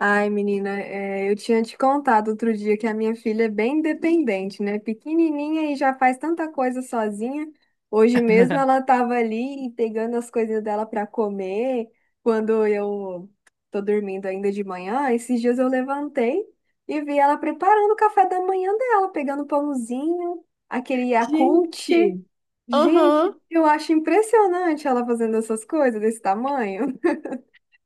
Ai, menina, é, eu tinha te contado outro dia que a minha filha é bem independente, né? Pequenininha e já faz tanta coisa sozinha. Hoje mesmo ela estava ali e pegando as coisas dela para comer. Quando eu tô dormindo ainda de manhã, esses dias eu levantei e vi ela preparando o café da manhã dela, pegando pãozinho, aquele Yakult. Gente. Gente, Aham. eu acho impressionante ela fazendo essas coisas desse tamanho.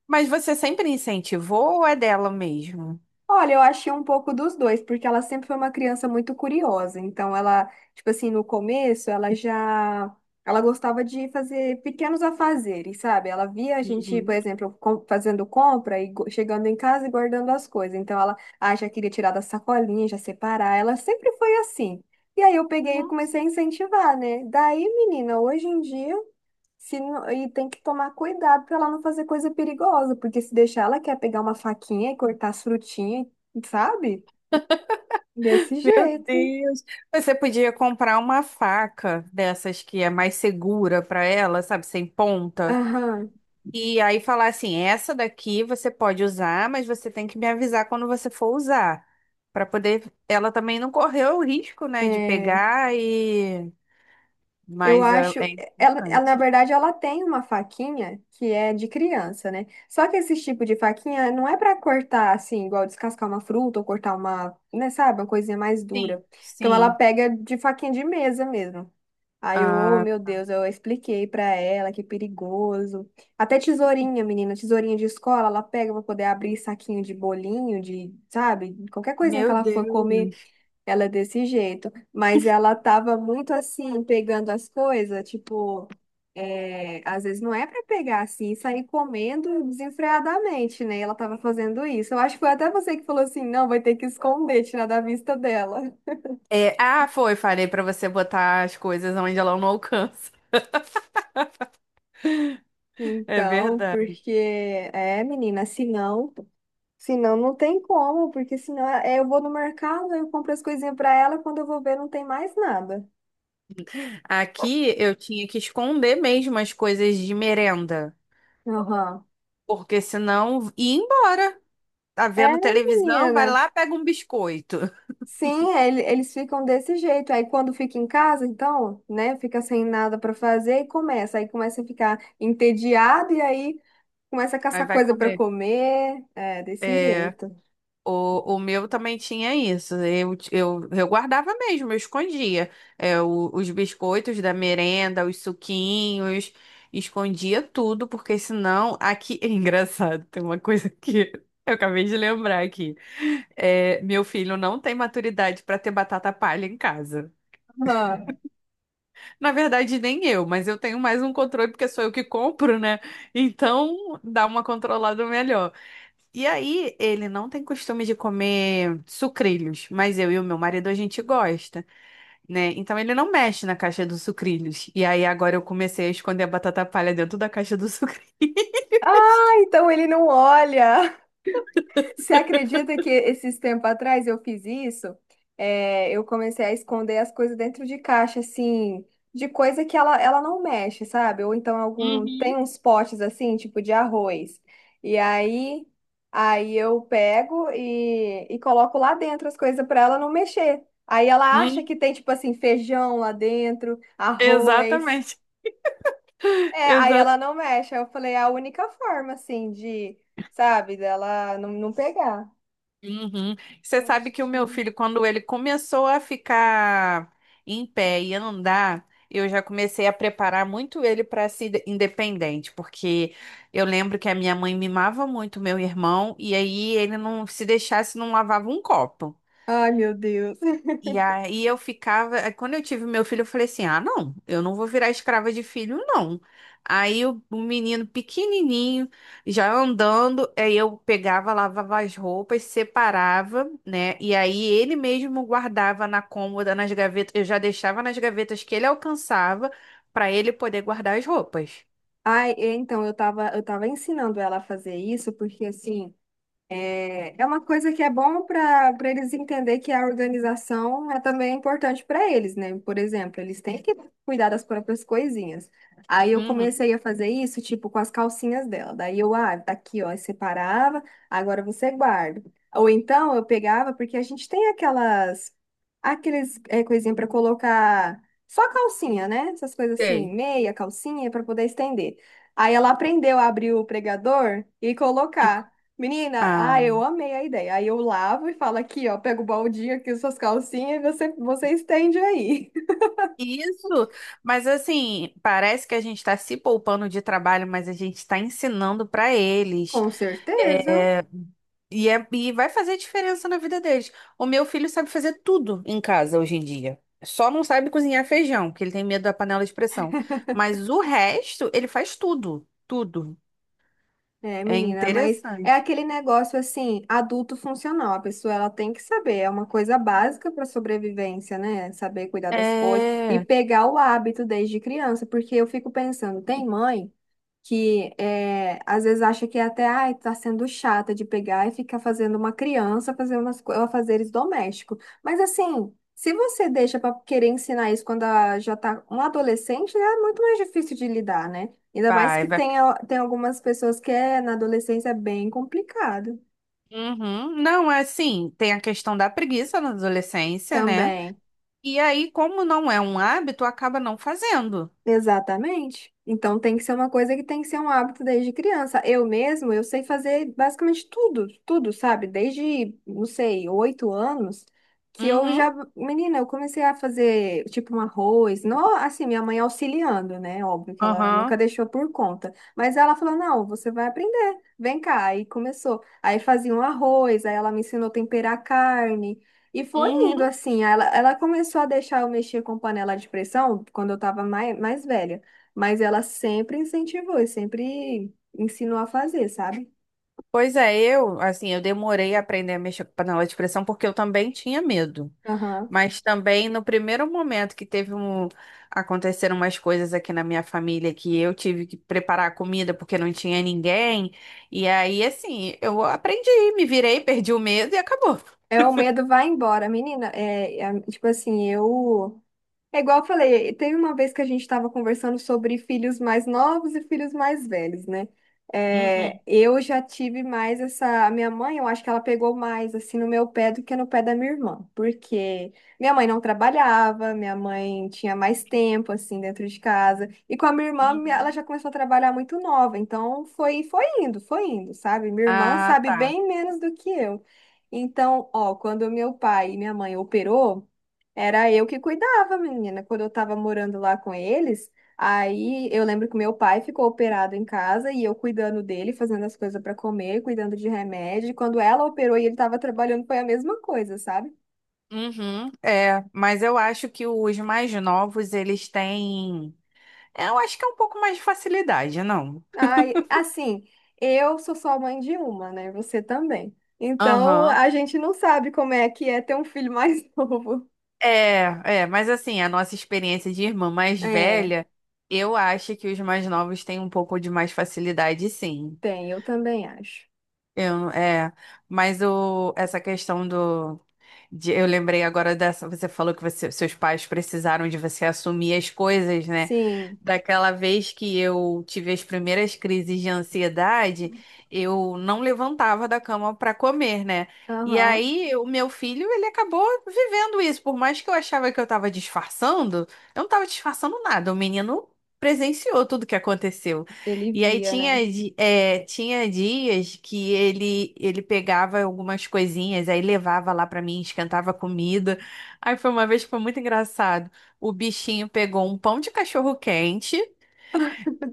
Mas você sempre incentivou ou é dela mesmo? Olha, eu achei um pouco dos dois, porque ela sempre foi uma criança muito curiosa. Então, ela, tipo assim, no começo, ela já. Ela gostava de fazer pequenos afazeres, sabe? Ela via a gente, por Uhum. exemplo, fazendo compra e chegando em casa e guardando as coisas. Então, ela, ah, já queria tirar da sacolinha, já separar. Ela sempre foi assim. E aí, eu peguei e Nossa. comecei a incentivar, né? Daí, menina, hoje em dia. Se não- E tem que tomar cuidado para ela não fazer coisa perigosa, porque se deixar ela quer pegar uma faquinha e cortar as frutinhas, sabe? Desse Meu jeito. Deus. Você podia comprar uma faca dessas que é mais segura para ela, sabe, sem ponta. Aham. E aí falar assim, essa daqui você pode usar, mas você tem que me avisar quando você for usar, para poder ela também não correr o risco, né, de É, pegar e eu mas é, acho. é Ela, na importante. verdade, ela tem uma faquinha que é de criança, né? Só que esse tipo de faquinha não é para cortar assim, igual descascar uma fruta ou cortar uma, né, sabe? Uma coisinha mais Sim, dura. Então ela sim. pega de faquinha de mesa mesmo. Aí eu, oh, Ah, meu Deus, eu expliquei pra ela que é perigoso. Até tesourinha, menina, tesourinha de escola, ela pega pra poder abrir saquinho de bolinho, de, sabe? Qualquer coisinha que meu ela for comer, Deus. ela é desse jeito. Mas ela tava muito assim, pegando as coisas, tipo, é, às vezes não é pra pegar assim, e sair comendo desenfreadamente, né? E ela tava fazendo isso. Eu acho que foi até você que falou assim, não, vai ter que esconder, tirar da vista dela. Foi, falei pra você botar as coisas onde ela não alcança. É Então, verdade. porque, é, menina, se não. Senão não tem como, porque senão é, eu vou no mercado, eu compro as coisinhas para ela, quando eu vou ver não tem mais nada. Aqui eu tinha que esconder mesmo as coisas de merenda, Aham. porque senão ia embora. Tá É, vendo televisão, vai menina. lá, pega um biscoito, Sim, é, eles ficam desse jeito. Aí quando fica em casa, então, né, fica sem nada para fazer e começa. Aí começa a ficar entediado e aí começa a aí caçar vai coisa para comer. comer. É, desse É. jeito. O meu também tinha isso. Eu guardava mesmo, eu escondia. É, os biscoitos da merenda, os suquinhos, escondia tudo, porque senão aqui. É engraçado, tem uma coisa que eu acabei de lembrar aqui. É, meu filho não tem maturidade para ter batata palha em casa. Aham. Na verdade, nem eu, mas eu tenho mais um controle porque sou eu que compro, né? Então dá uma controlada melhor. E aí, ele não tem costume de comer sucrilhos, mas eu e o meu marido a gente gosta, né? Então ele não mexe na caixa dos sucrilhos. E aí agora eu comecei a esconder a batata palha dentro da caixa do sucrilho. Ah, então ele não olha. Você acredita que esses tempos atrás eu fiz isso? É, eu comecei a esconder as coisas dentro de caixa, assim, de coisa que ela não mexe, sabe? Ou então algum, tem Uhum. uns potes assim, tipo de arroz. E aí, aí eu pego e, coloco lá dentro as coisas para ela não mexer. Aí ela Hum, acha que tem, tipo assim, feijão lá dentro, arroz. exatamente. É, aí ela Exatamente. não mexe. Aí eu falei, é a única forma, assim, de, sabe, dela não, não pegar. Uhum. Você sabe que o meu Postinho. filho, quando ele começou a ficar em pé e andar, eu já comecei a preparar muito ele para ser independente, porque eu lembro que a minha mãe mimava muito meu irmão, e aí ele não se deixasse, não lavava um copo. Ai, meu Deus. E aí eu ficava, aí quando eu tive meu filho, eu falei assim: "Ah, não, eu não vou virar escrava de filho, não". Aí o menino pequenininho, já andando, aí eu pegava, lavava as roupas, separava, né? E aí ele mesmo guardava na cômoda, nas gavetas, eu já deixava nas gavetas que ele alcançava para ele poder guardar as roupas. Ai, é, então, eu tava ensinando ela a fazer isso, porque assim. É, é uma coisa que é bom para eles entender que a organização é também importante para eles, né? Por exemplo, eles têm que cuidar das próprias coisinhas. Aí eu Uhum. comecei a fazer isso, tipo, com as calcinhas dela. Daí eu, ah, tá aqui, ó, eu separava, agora você guarda. Ou então eu pegava, porque a gente tem aquelas, aqueles, é, coisinha para colocar só calcinha, né? Essas coisas assim, Sei. meia calcinha para poder estender. Aí ela aprendeu a abrir o pregador e E- colocar. Menina, Ah. ah, eu amei a ideia. Aí eu lavo e falo aqui, ó, pega o baldinho aqui, suas calcinhas, e você, você estende aí. Isso, mas assim, parece que a gente está se poupando de trabalho, mas a gente está ensinando para eles. Com certeza. É, e vai fazer diferença na vida deles. O meu filho sabe fazer tudo em casa hoje em dia. Só não sabe cozinhar feijão, que ele tem medo da panela de pressão. Mas o resto, ele faz tudo, tudo. É, É menina, mas é interessante. aquele negócio assim, adulto funcional. A pessoa ela tem que saber, é uma coisa básica para sobrevivência, né? Saber cuidar das coisas e É, pegar o hábito desde criança, porque eu fico pensando, tem mãe que é, às vezes acha que é até ai, tá sendo chata de pegar e ficar fazendo uma criança fazer umas afazeres domésticos. Mas assim, se você deixa para querer ensinar isso quando ela já tá um adolescente, é muito mais difícil de lidar, né? Ainda mais vai, que vai. tem, tem algumas pessoas que é, na adolescência é bem complicado Uhum. Não, é assim, tem a questão da preguiça na adolescência, né? também. E aí, como não é um hábito, acaba não fazendo. Exatamente. Então tem que ser uma coisa que tem que ser um hábito desde criança. Eu mesmo, eu sei fazer basicamente tudo, tudo, sabe? Desde, não sei, 8 anos, que eu Uhum, já, menina, eu comecei a fazer tipo um arroz, não, assim, minha mãe auxiliando, né? Óbvio que ela aham, nunca deixou por conta, mas ela falou: "Não, você vai aprender. Vem cá". Aí começou. Aí fazia um arroz, aí ela me ensinou a temperar carne. E foi indo uhum. assim, ela começou a deixar eu mexer com panela de pressão quando eu estava mais velha, mas ela sempre incentivou e sempre ensinou a fazer, sabe? Pois é, eu, assim, eu demorei a aprender a mexer com panela de pressão porque eu também tinha medo. Aham. Mas também no primeiro momento aconteceram umas coisas aqui na minha família que eu tive que preparar a comida porque não tinha ninguém. E aí, assim, eu aprendi, me virei, perdi o medo e acabou. É, o medo vai embora, menina. É, tipo assim, eu É igual eu falei, teve uma vez que a gente estava conversando sobre filhos mais novos e filhos mais velhos, né? Uhum, É, eu já tive mais essa. A minha mãe, eu acho que ela pegou mais assim no meu pé do que no pé da minha irmã, porque minha mãe não trabalhava, minha mãe tinha mais tempo assim dentro de casa, e com a minha irmã, ela uhum. já começou a trabalhar muito nova, então foi, foi indo, sabe? Minha irmã Ah, sabe tá. bem menos do que eu. Então, ó, quando meu pai e minha mãe operou. Era eu que cuidava, menina. Quando eu tava morando lá com eles, aí eu lembro que meu pai ficou operado em casa e eu cuidando dele, fazendo as coisas para comer, cuidando de remédio. E quando ela operou e ele tava trabalhando, foi a mesma coisa, sabe? Uhum, é, mas eu acho que os mais novos, eles têm. É, eu acho que é um pouco mais de facilidade, não? Ai, assim, eu sou só mãe de uma, né? Você também. Então, Aham. a gente não sabe como é que é ter um filho mais novo. Mas assim, a nossa experiência de irmã mais É, velha, eu acho que os mais novos têm um pouco de mais facilidade, sim. tem, eu também acho. Eu, é, mas essa questão eu lembrei agora dessa, você falou que seus pais precisaram de você assumir as coisas, né? Sim, Daquela vez que eu tive as primeiras crises de ansiedade, eu não levantava da cama para comer, né? E aham, aí o meu filho, ele acabou vivendo isso, por mais que eu achava que eu estava disfarçando, eu não estava disfarçando nada, o menino presenciou tudo que aconteceu. ele E aí via, né? tinha, tinha dias que ele pegava algumas coisinhas, aí levava lá pra mim, esquentava comida. Aí foi uma vez que foi muito engraçado. O bichinho pegou um pão de cachorro quente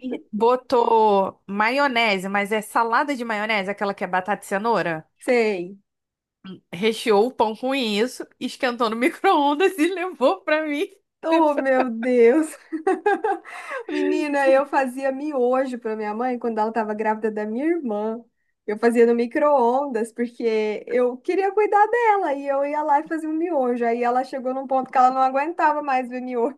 e botou maionese, mas é salada de maionese, aquela que é batata e cenoura. Sei. Recheou o pão com isso, esquentou no micro-ondas e levou pra mim. Oh, meu Deus! Menina, eu fazia miojo para minha mãe quando ela estava grávida da minha irmã. Eu fazia no micro-ondas, porque eu queria cuidar dela, e eu ia lá e fazia um miojo. Aí ela chegou num ponto que ela não aguentava mais ver miojo.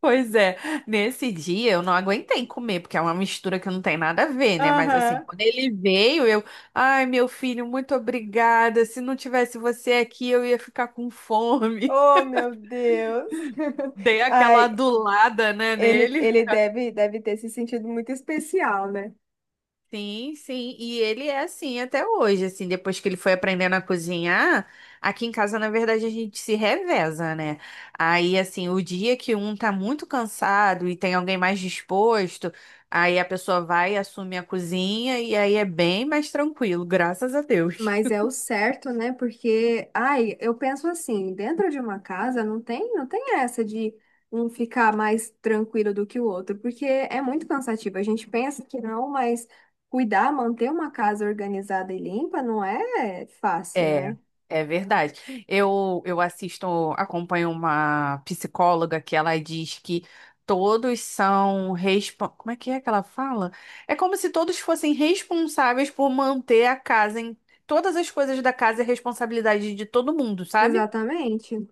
Pois é, nesse dia eu não aguentei comer, porque é uma mistura que não tem nada a ver, né? Mas assim, Aham. quando ele veio, ai, meu filho, muito obrigada. Se não tivesse você aqui, eu ia ficar com fome. Oh, meu Deus. Dei aquela Ai, adulada, né, ele, nele. ele deve ter se sentido muito especial, né? Sim, sim, e ele é assim até hoje, assim, depois que ele foi aprendendo a cozinhar, aqui em casa, na verdade, a gente se reveza, né? Aí, assim, o dia que um tá muito cansado e tem alguém mais disposto, aí a pessoa vai, assume a cozinha e aí é bem mais tranquilo, graças a Deus. Mas é o certo, né? Porque, ai, eu penso assim, dentro de uma casa não tem essa de um ficar mais tranquilo do que o outro, porque é muito cansativo. A gente pensa que não, mas cuidar, manter uma casa organizada e limpa não é fácil, É, né? é verdade. Eu assisto, acompanho uma psicóloga que ela diz que todos são respo... Como é que ela fala? É como se todos fossem responsáveis por manter a casa em todas as coisas da casa é responsabilidade de todo mundo, sabe? Exatamente,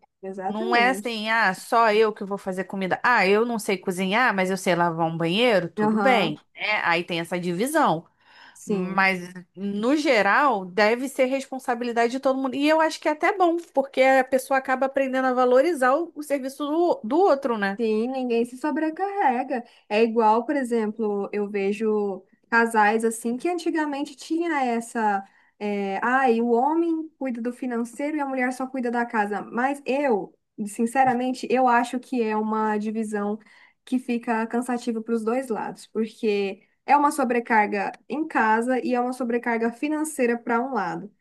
Não é exatamente. assim, ah, só eu que vou fazer comida. Ah, eu não sei cozinhar, mas eu sei lavar um banheiro, tudo Aham, bem, né? Aí tem essa divisão. sim. Mas, no geral, deve ser responsabilidade de todo mundo. E eu acho que é até bom, porque a pessoa acaba aprendendo a valorizar o serviço do outro, né? Sim, ninguém se sobrecarrega. É igual, por exemplo, eu vejo casais assim que antigamente tinha essa. É, ai, o homem cuida do financeiro e a mulher só cuida da casa. Mas eu, sinceramente, eu acho que é uma divisão que fica cansativa para os dois lados, porque é uma sobrecarga em casa e é uma sobrecarga financeira para um lado.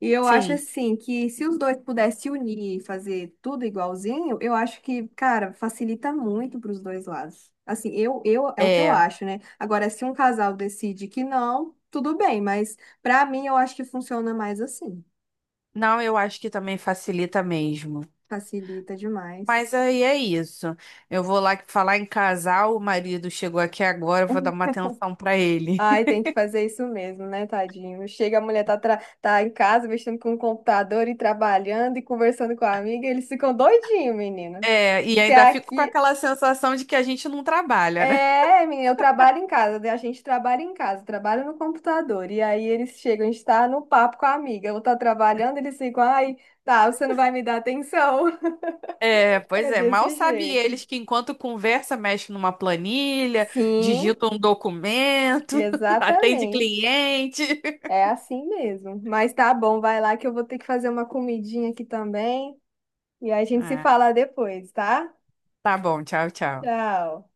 E eu acho Sim, assim que se os dois pudessem se unir e fazer tudo igualzinho, eu acho que, cara, facilita muito para os dois lados. Assim, eu é o que eu é. acho, né? Agora, se um casal decide que não, tudo bem, mas para mim eu acho que funciona mais assim. Não, eu acho que também facilita mesmo. Facilita demais. Mas aí é isso. Eu vou lá falar em casal, o marido chegou aqui agora, eu vou dar uma atenção pra ele. Ai, tem que fazer isso mesmo, né, tadinho? Chega, a mulher tá, tá em casa mexendo com o computador e trabalhando e conversando com a amiga, eles ficam doidinhos, menina. É, e Que ainda fico com aqui aquela sensação de que a gente não trabalha, né? É, menina, eu trabalho em casa, né? A gente trabalha em casa, trabalha no computador. E aí eles chegam, a gente tá no papo com a amiga, ou tá trabalhando, eles ficam, ai, tá, você não vai me dar atenção. É, pois É é, mal desse sabe jeito. eles que enquanto conversa, mexe numa planilha, Sim, digita um documento, atende exatamente. cliente. É assim mesmo. Mas tá bom, vai lá que eu vou ter que fazer uma comidinha aqui também. E aí a gente se Ah, fala depois, tá? tá bom, tchau, tchau. Tchau.